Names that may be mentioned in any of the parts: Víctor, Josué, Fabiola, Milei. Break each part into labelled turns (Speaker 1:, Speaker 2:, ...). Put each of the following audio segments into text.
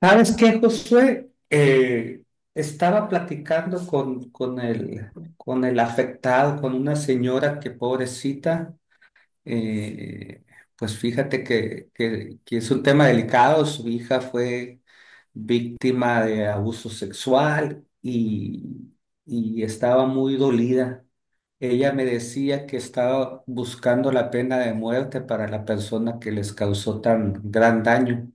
Speaker 1: ¿Sabes qué, Josué? Estaba platicando con el afectado, con una señora que pobrecita, eh, pues fíjate que es un tema delicado. Su hija fue víctima de abuso sexual y estaba muy dolida. Ella me decía que estaba buscando la pena de muerte para la persona que les causó tan gran daño.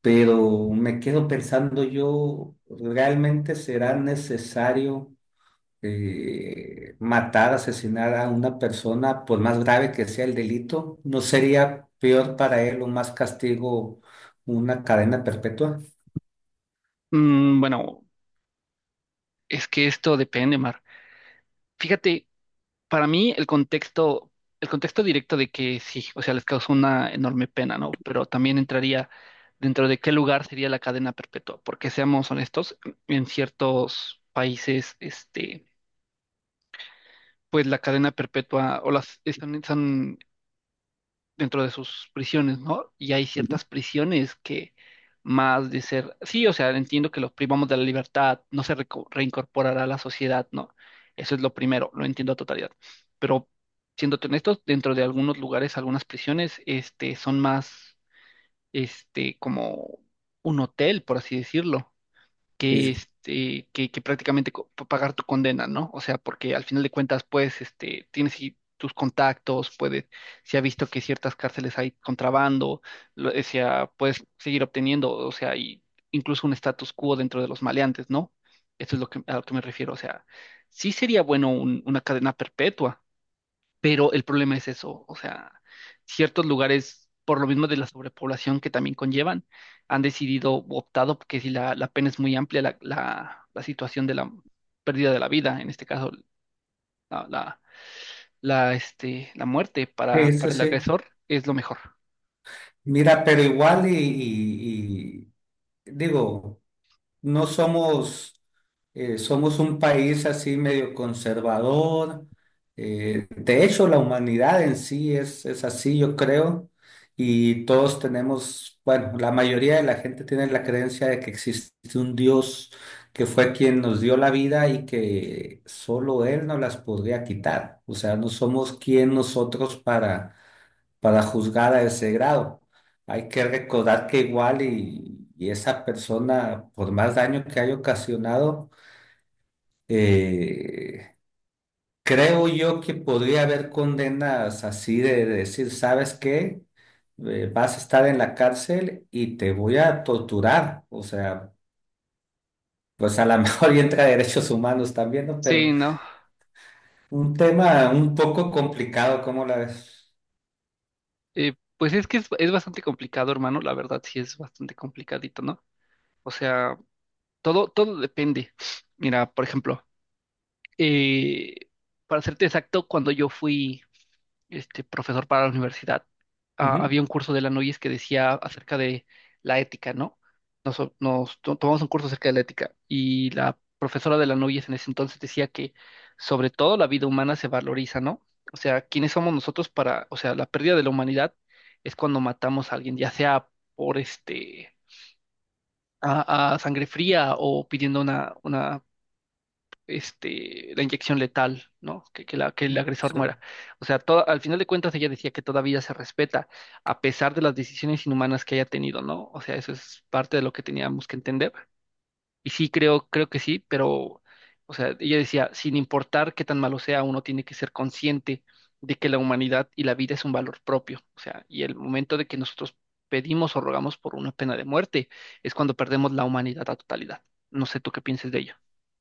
Speaker 1: Pero me quedo pensando yo, ¿realmente será necesario matar, asesinar a una persona, por más grave que sea el delito? ¿No sería peor para él o más castigo una cadena perpetua?
Speaker 2: Bueno, es que esto depende, Mar. Fíjate, para mí el contexto directo de que sí, o sea, les causó una enorme pena, ¿no? Pero también entraría dentro de qué lugar sería la cadena perpetua, porque seamos honestos, en ciertos países, pues la cadena perpetua o las están, dentro de sus prisiones, ¿no? Y hay ciertas prisiones que más de ser, sí, o sea, entiendo que los privamos de la libertad, no se reincorporará a la sociedad, ¿no? Eso es lo primero, lo entiendo a totalidad. Pero siéndote honestos, dentro de algunos lugares, algunas prisiones, son más, como un hotel, por así decirlo que,
Speaker 1: Sí,
Speaker 2: que prácticamente pagar tu condena, ¿no? O sea, porque al final de cuentas, pues, tienes ahí tus contactos, puedes, se ha visto que ciertas cárceles hay contrabando, o sea, puedes seguir obteniendo, o sea, y incluso un status quo dentro de los maleantes, ¿no? Eso es lo que, a lo que me refiero, o sea, sí sería bueno una cadena perpetua. Pero el problema es eso, o sea, ciertos lugares, por lo mismo de la sobrepoblación que también conllevan, han decidido, o optado, porque si la pena es muy amplia, la situación de la pérdida de la vida, en este caso, la, la, la muerte
Speaker 1: eso
Speaker 2: para el
Speaker 1: sí.
Speaker 2: agresor, es lo mejor.
Speaker 1: Mira, pero igual y digo, no somos, somos un país así medio conservador. De hecho, la humanidad en sí es así, yo creo. Y todos tenemos, bueno, la mayoría de la gente tiene la creencia de que existe un Dios que fue quien nos dio la vida y que solo Él nos las podría quitar. O sea, no somos quien nosotros para juzgar a ese grado. Hay que recordar que igual y esa persona, por más daño que haya ocasionado, eh, creo yo que podría haber condenas así de, decir, ¿sabes qué? Vas a estar en la cárcel y te voy a torturar. O sea, pues a lo mejor y entra derechos humanos también, ¿no? Pero
Speaker 2: Sí, ¿no?
Speaker 1: un tema un poco complicado, ¿cómo la ves?
Speaker 2: Pues es que es bastante complicado, hermano, la verdad sí es bastante complicadito, ¿no? O sea, todo depende. Mira, por ejemplo, eh, para serte exacto, cuando yo fui este profesor para la universidad,
Speaker 1: Ujú.
Speaker 2: había un curso de la Noyes que decía acerca de la ética, ¿no? Tomamos un curso acerca de la ética y la profesora de la Noyes en ese entonces decía que sobre todo la vida humana se valoriza, ¿no? O sea, ¿quiénes somos nosotros para, o sea, la pérdida de la humanidad es cuando matamos a alguien, ya sea por a sangre fría o pidiendo una la inyección letal, ¿no? Que el agresor
Speaker 1: Sí,
Speaker 2: muera. O sea, al final de cuentas ella decía que todavía se respeta, a pesar de las decisiones inhumanas que haya tenido, ¿no? O sea, eso es parte de lo que teníamos que entender. Y sí, creo que sí, pero, o sea, ella decía, sin importar qué tan malo sea, uno tiene que ser consciente de que la humanidad y la vida es un valor propio. O sea, y el momento de que nosotros pedimos o rogamos por una pena de muerte es cuando perdemos la humanidad a totalidad. No sé tú qué pienses de ello.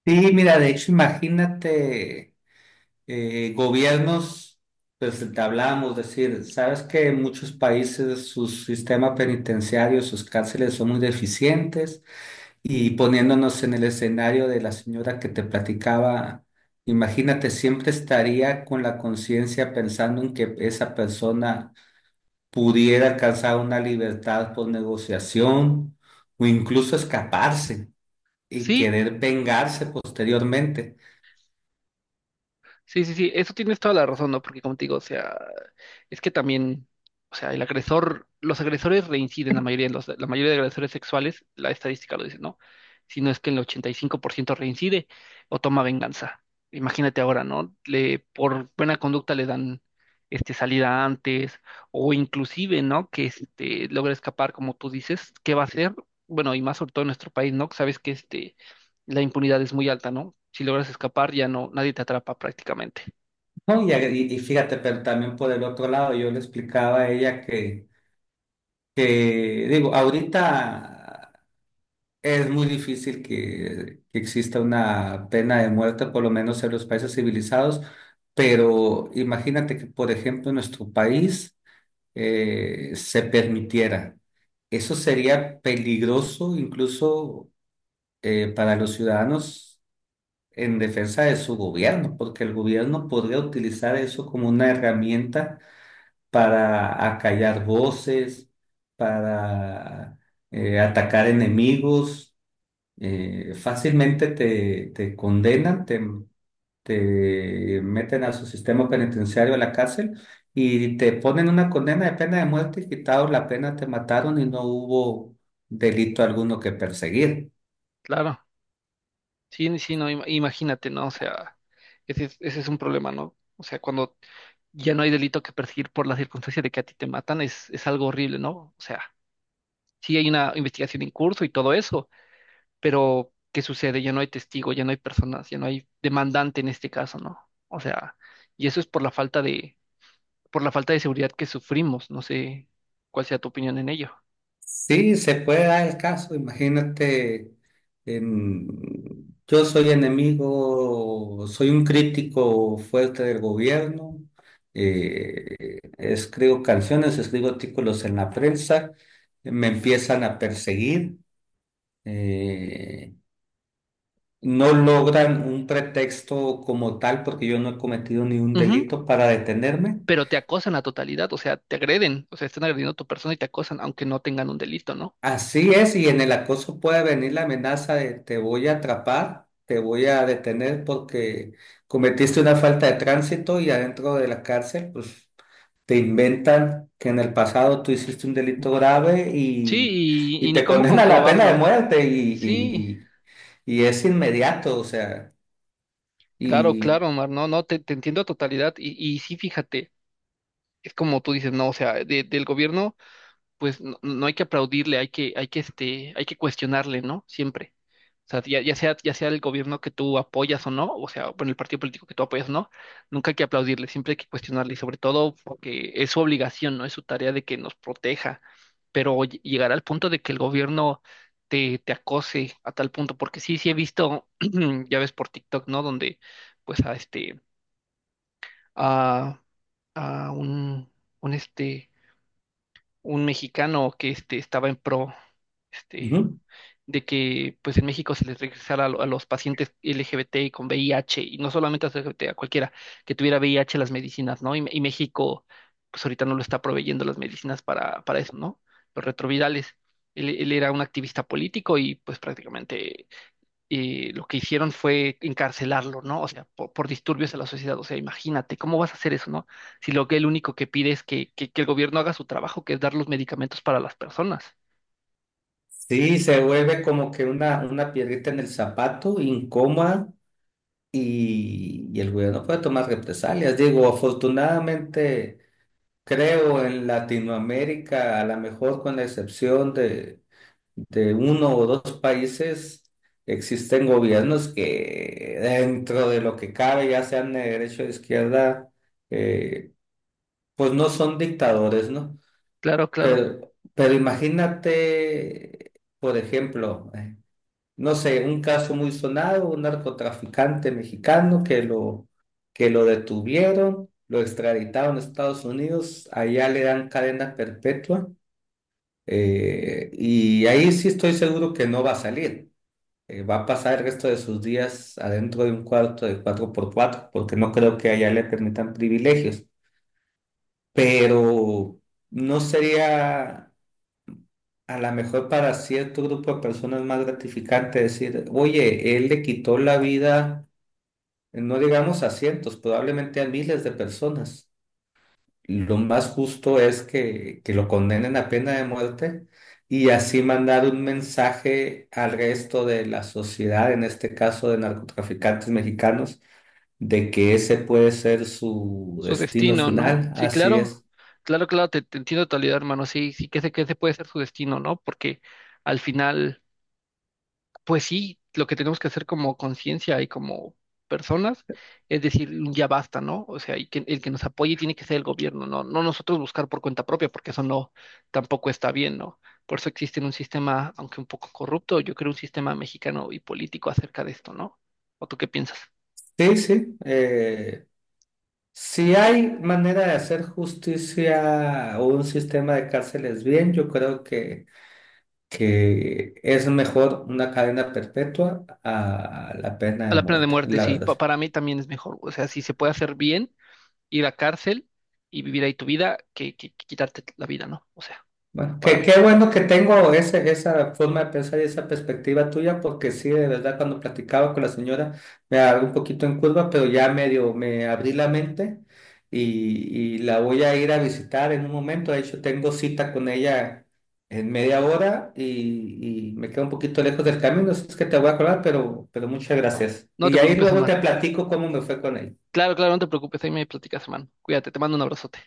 Speaker 1: sí, mira, de hecho, imagínate. Gobiernos, pues entablábamos, decir, sabes que en muchos países sus sistemas penitenciarios, sus cárceles son muy deficientes y poniéndonos en el escenario de la señora que te platicaba, imagínate, siempre estaría con la conciencia pensando en que esa persona pudiera alcanzar una libertad por negociación o incluso escaparse y
Speaker 2: Sí,
Speaker 1: querer vengarse posteriormente.
Speaker 2: Sí, eso tienes toda la razón, ¿no? Porque como te digo, o sea, es que también, o sea, el agresor, los agresores reinciden, la mayoría, la mayoría de agresores sexuales, la estadística lo dice, ¿no? Si no es que el 85% reincide o toma venganza. Imagínate ahora, ¿no? Le, por buena conducta le dan salida antes o inclusive, ¿no? Que este, logra escapar, como tú dices, ¿qué va a hacer? Bueno, y más sobre todo en nuestro país, ¿no? Sabes que este la impunidad es muy alta, ¿no? Si logras escapar, ya no, nadie te atrapa prácticamente.
Speaker 1: No, y, y fíjate, pero también por el otro lado, yo le explicaba a ella que, digo, ahorita es muy difícil que exista una pena de muerte, por lo menos en los países civilizados, pero imagínate que, por ejemplo, en nuestro país se permitiera. Eso sería peligroso incluso para los ciudadanos en defensa de su gobierno, porque el gobierno podría utilizar eso como una herramienta para acallar voces, para atacar enemigos. Fácilmente te, te condenan, te meten a su sistema penitenciario, a la cárcel, y te ponen una condena de pena de muerte, y quitado la pena, te mataron y no hubo delito alguno que perseguir.
Speaker 2: Claro, sí, sí, no, imagínate, ¿no? O sea, ese es un problema, ¿no? O sea, cuando ya no hay delito que perseguir por la circunstancia de que a ti te matan, es algo horrible, ¿no? O sea, sí hay una investigación en curso y todo eso, pero ¿qué sucede? Ya no hay testigo, ya no hay personas, ya no hay demandante en este caso, ¿no? O sea, y eso es por la falta de, por la falta de seguridad que sufrimos, no sé cuál sea tu opinión en ello.
Speaker 1: Sí, se puede dar el caso. Imagínate, em, yo soy enemigo, soy un crítico fuerte del gobierno, escribo canciones, escribo artículos en la prensa, me empiezan a perseguir, eh, no logran un pretexto como tal porque yo no he cometido ni un delito para detenerme.
Speaker 2: Pero te acosan la totalidad, o sea, te agreden, o sea, están agrediendo a tu persona y te acosan, aunque no tengan un delito, ¿no?
Speaker 1: Así es, y en el acoso puede venir la amenaza de te voy a atrapar, te voy a detener porque cometiste una falta de tránsito y adentro de la cárcel, pues te inventan que en el pasado tú hiciste un delito grave
Speaker 2: Sí,
Speaker 1: y
Speaker 2: y ni
Speaker 1: te
Speaker 2: cómo
Speaker 1: condena a la pena de
Speaker 2: comprobarlo.
Speaker 1: muerte
Speaker 2: Sí,
Speaker 1: y es inmediato, o sea,
Speaker 2: claro,
Speaker 1: y
Speaker 2: claro, Omar, no, no, te entiendo a totalidad y sí, fíjate, es como tú dices, no, o sea, del gobierno. Pues no, no hay que aplaudirle, hay que cuestionarle, ¿no? Siempre. O sea, ya sea el gobierno que tú apoyas o no, o sea, bueno, el partido político que tú apoyas o no, nunca hay que aplaudirle, siempre hay que cuestionarle, y sobre todo porque es su obligación, ¿no? Es su tarea de que nos proteja. Pero llegar al punto de que el gobierno te acose a tal punto, porque sí, sí he visto, ya ves por TikTok, ¿no? Donde, pues, a este, a, a un este un mexicano que este, estaba en pro este,
Speaker 1: ujú.
Speaker 2: de que pues en México se les regresara a los pacientes LGBT y con VIH, y no solamente a los LGBT, a cualquiera que tuviera VIH las medicinas, ¿no? Y México pues ahorita no lo está proveyendo las medicinas para eso, ¿no? Los retrovirales. Él era un activista político y pues prácticamente lo que hicieron fue encarcelarlo, ¿no? O sea, disturbios a la sociedad. O sea, imagínate, ¿cómo vas a hacer eso, no? Si lo que el único que pide es que el gobierno haga su trabajo, que es dar los medicamentos para las personas.
Speaker 1: Sí, se vuelve como que una piedrita en el zapato, incómoda y el gobierno puede tomar represalias. Digo, afortunadamente, creo en Latinoamérica, a lo mejor con la excepción de uno o dos países, existen gobiernos que dentro de lo que cabe, ya sean de derecha o de izquierda, eh, pues no son dictadores, ¿no?
Speaker 2: Claro, claro.
Speaker 1: Pero imagínate, por ejemplo, no sé, un caso muy sonado, un narcotraficante mexicano que lo detuvieron, lo extraditaron a Estados Unidos, allá le dan cadena perpetua y ahí sí estoy seguro que no va a salir. Va a pasar el resto de sus días adentro de un cuarto de cuatro por cuatro porque no creo que allá le permitan privilegios, pero no sería... A lo mejor para cierto grupo de personas más gratificante decir, oye, él le quitó la vida no digamos a cientos, probablemente a miles de personas. Lo más justo es que lo condenen a pena de muerte y así mandar un mensaje al resto de la sociedad, en este caso de narcotraficantes mexicanos, de que ese puede ser su
Speaker 2: Su
Speaker 1: destino
Speaker 2: destino, ¿no?
Speaker 1: final.
Speaker 2: Sí,
Speaker 1: Así
Speaker 2: claro.
Speaker 1: es.
Speaker 2: Claro, claro, te entiendo en totalidad, hermano. Sí, sí, que ese puede ser su destino, ¿no? Porque al final. Pues sí, lo que tenemos que hacer como conciencia y como personas es decir, ya basta, ¿no? O sea, y que el que nos apoye tiene que ser el gobierno, ¿no? No nosotros buscar por cuenta propia, porque eso no, tampoco está bien, ¿no? Por eso existe un sistema, aunque un poco corrupto, yo creo un sistema mexicano y político acerca de esto, ¿no? ¿O tú qué piensas?
Speaker 1: Sí, sí. Si hay manera de hacer justicia o un sistema de cárceles bien, yo creo que es mejor una cadena perpetua a la pena
Speaker 2: A
Speaker 1: de
Speaker 2: la pena de
Speaker 1: muerte,
Speaker 2: muerte,
Speaker 1: la
Speaker 2: sí,
Speaker 1: verdad.
Speaker 2: para mí también es mejor. O sea, si se puede hacer bien, ir a cárcel y vivir ahí tu vida, que quitarte la vida, ¿no? O sea,
Speaker 1: Bueno,
Speaker 2: para
Speaker 1: qué
Speaker 2: mí.
Speaker 1: qué bueno que tengo ese, esa forma de pensar y esa perspectiva tuya, porque sí, de verdad, cuando platicaba con la señora me agarró un poquito en curva, pero ya medio me abrí la mente y la voy a ir a visitar en un momento. De hecho, tengo cita con ella en media hora y me quedo un poquito lejos del camino, así es que te voy a colar pero muchas gracias.
Speaker 2: No te
Speaker 1: Y ahí
Speaker 2: preocupes,
Speaker 1: luego
Speaker 2: Omar.
Speaker 1: te platico cómo me fue con ella.
Speaker 2: Claro, claro, no te preocupes, ahí me platicas, hermano. Cuídate, te mando un abrazote.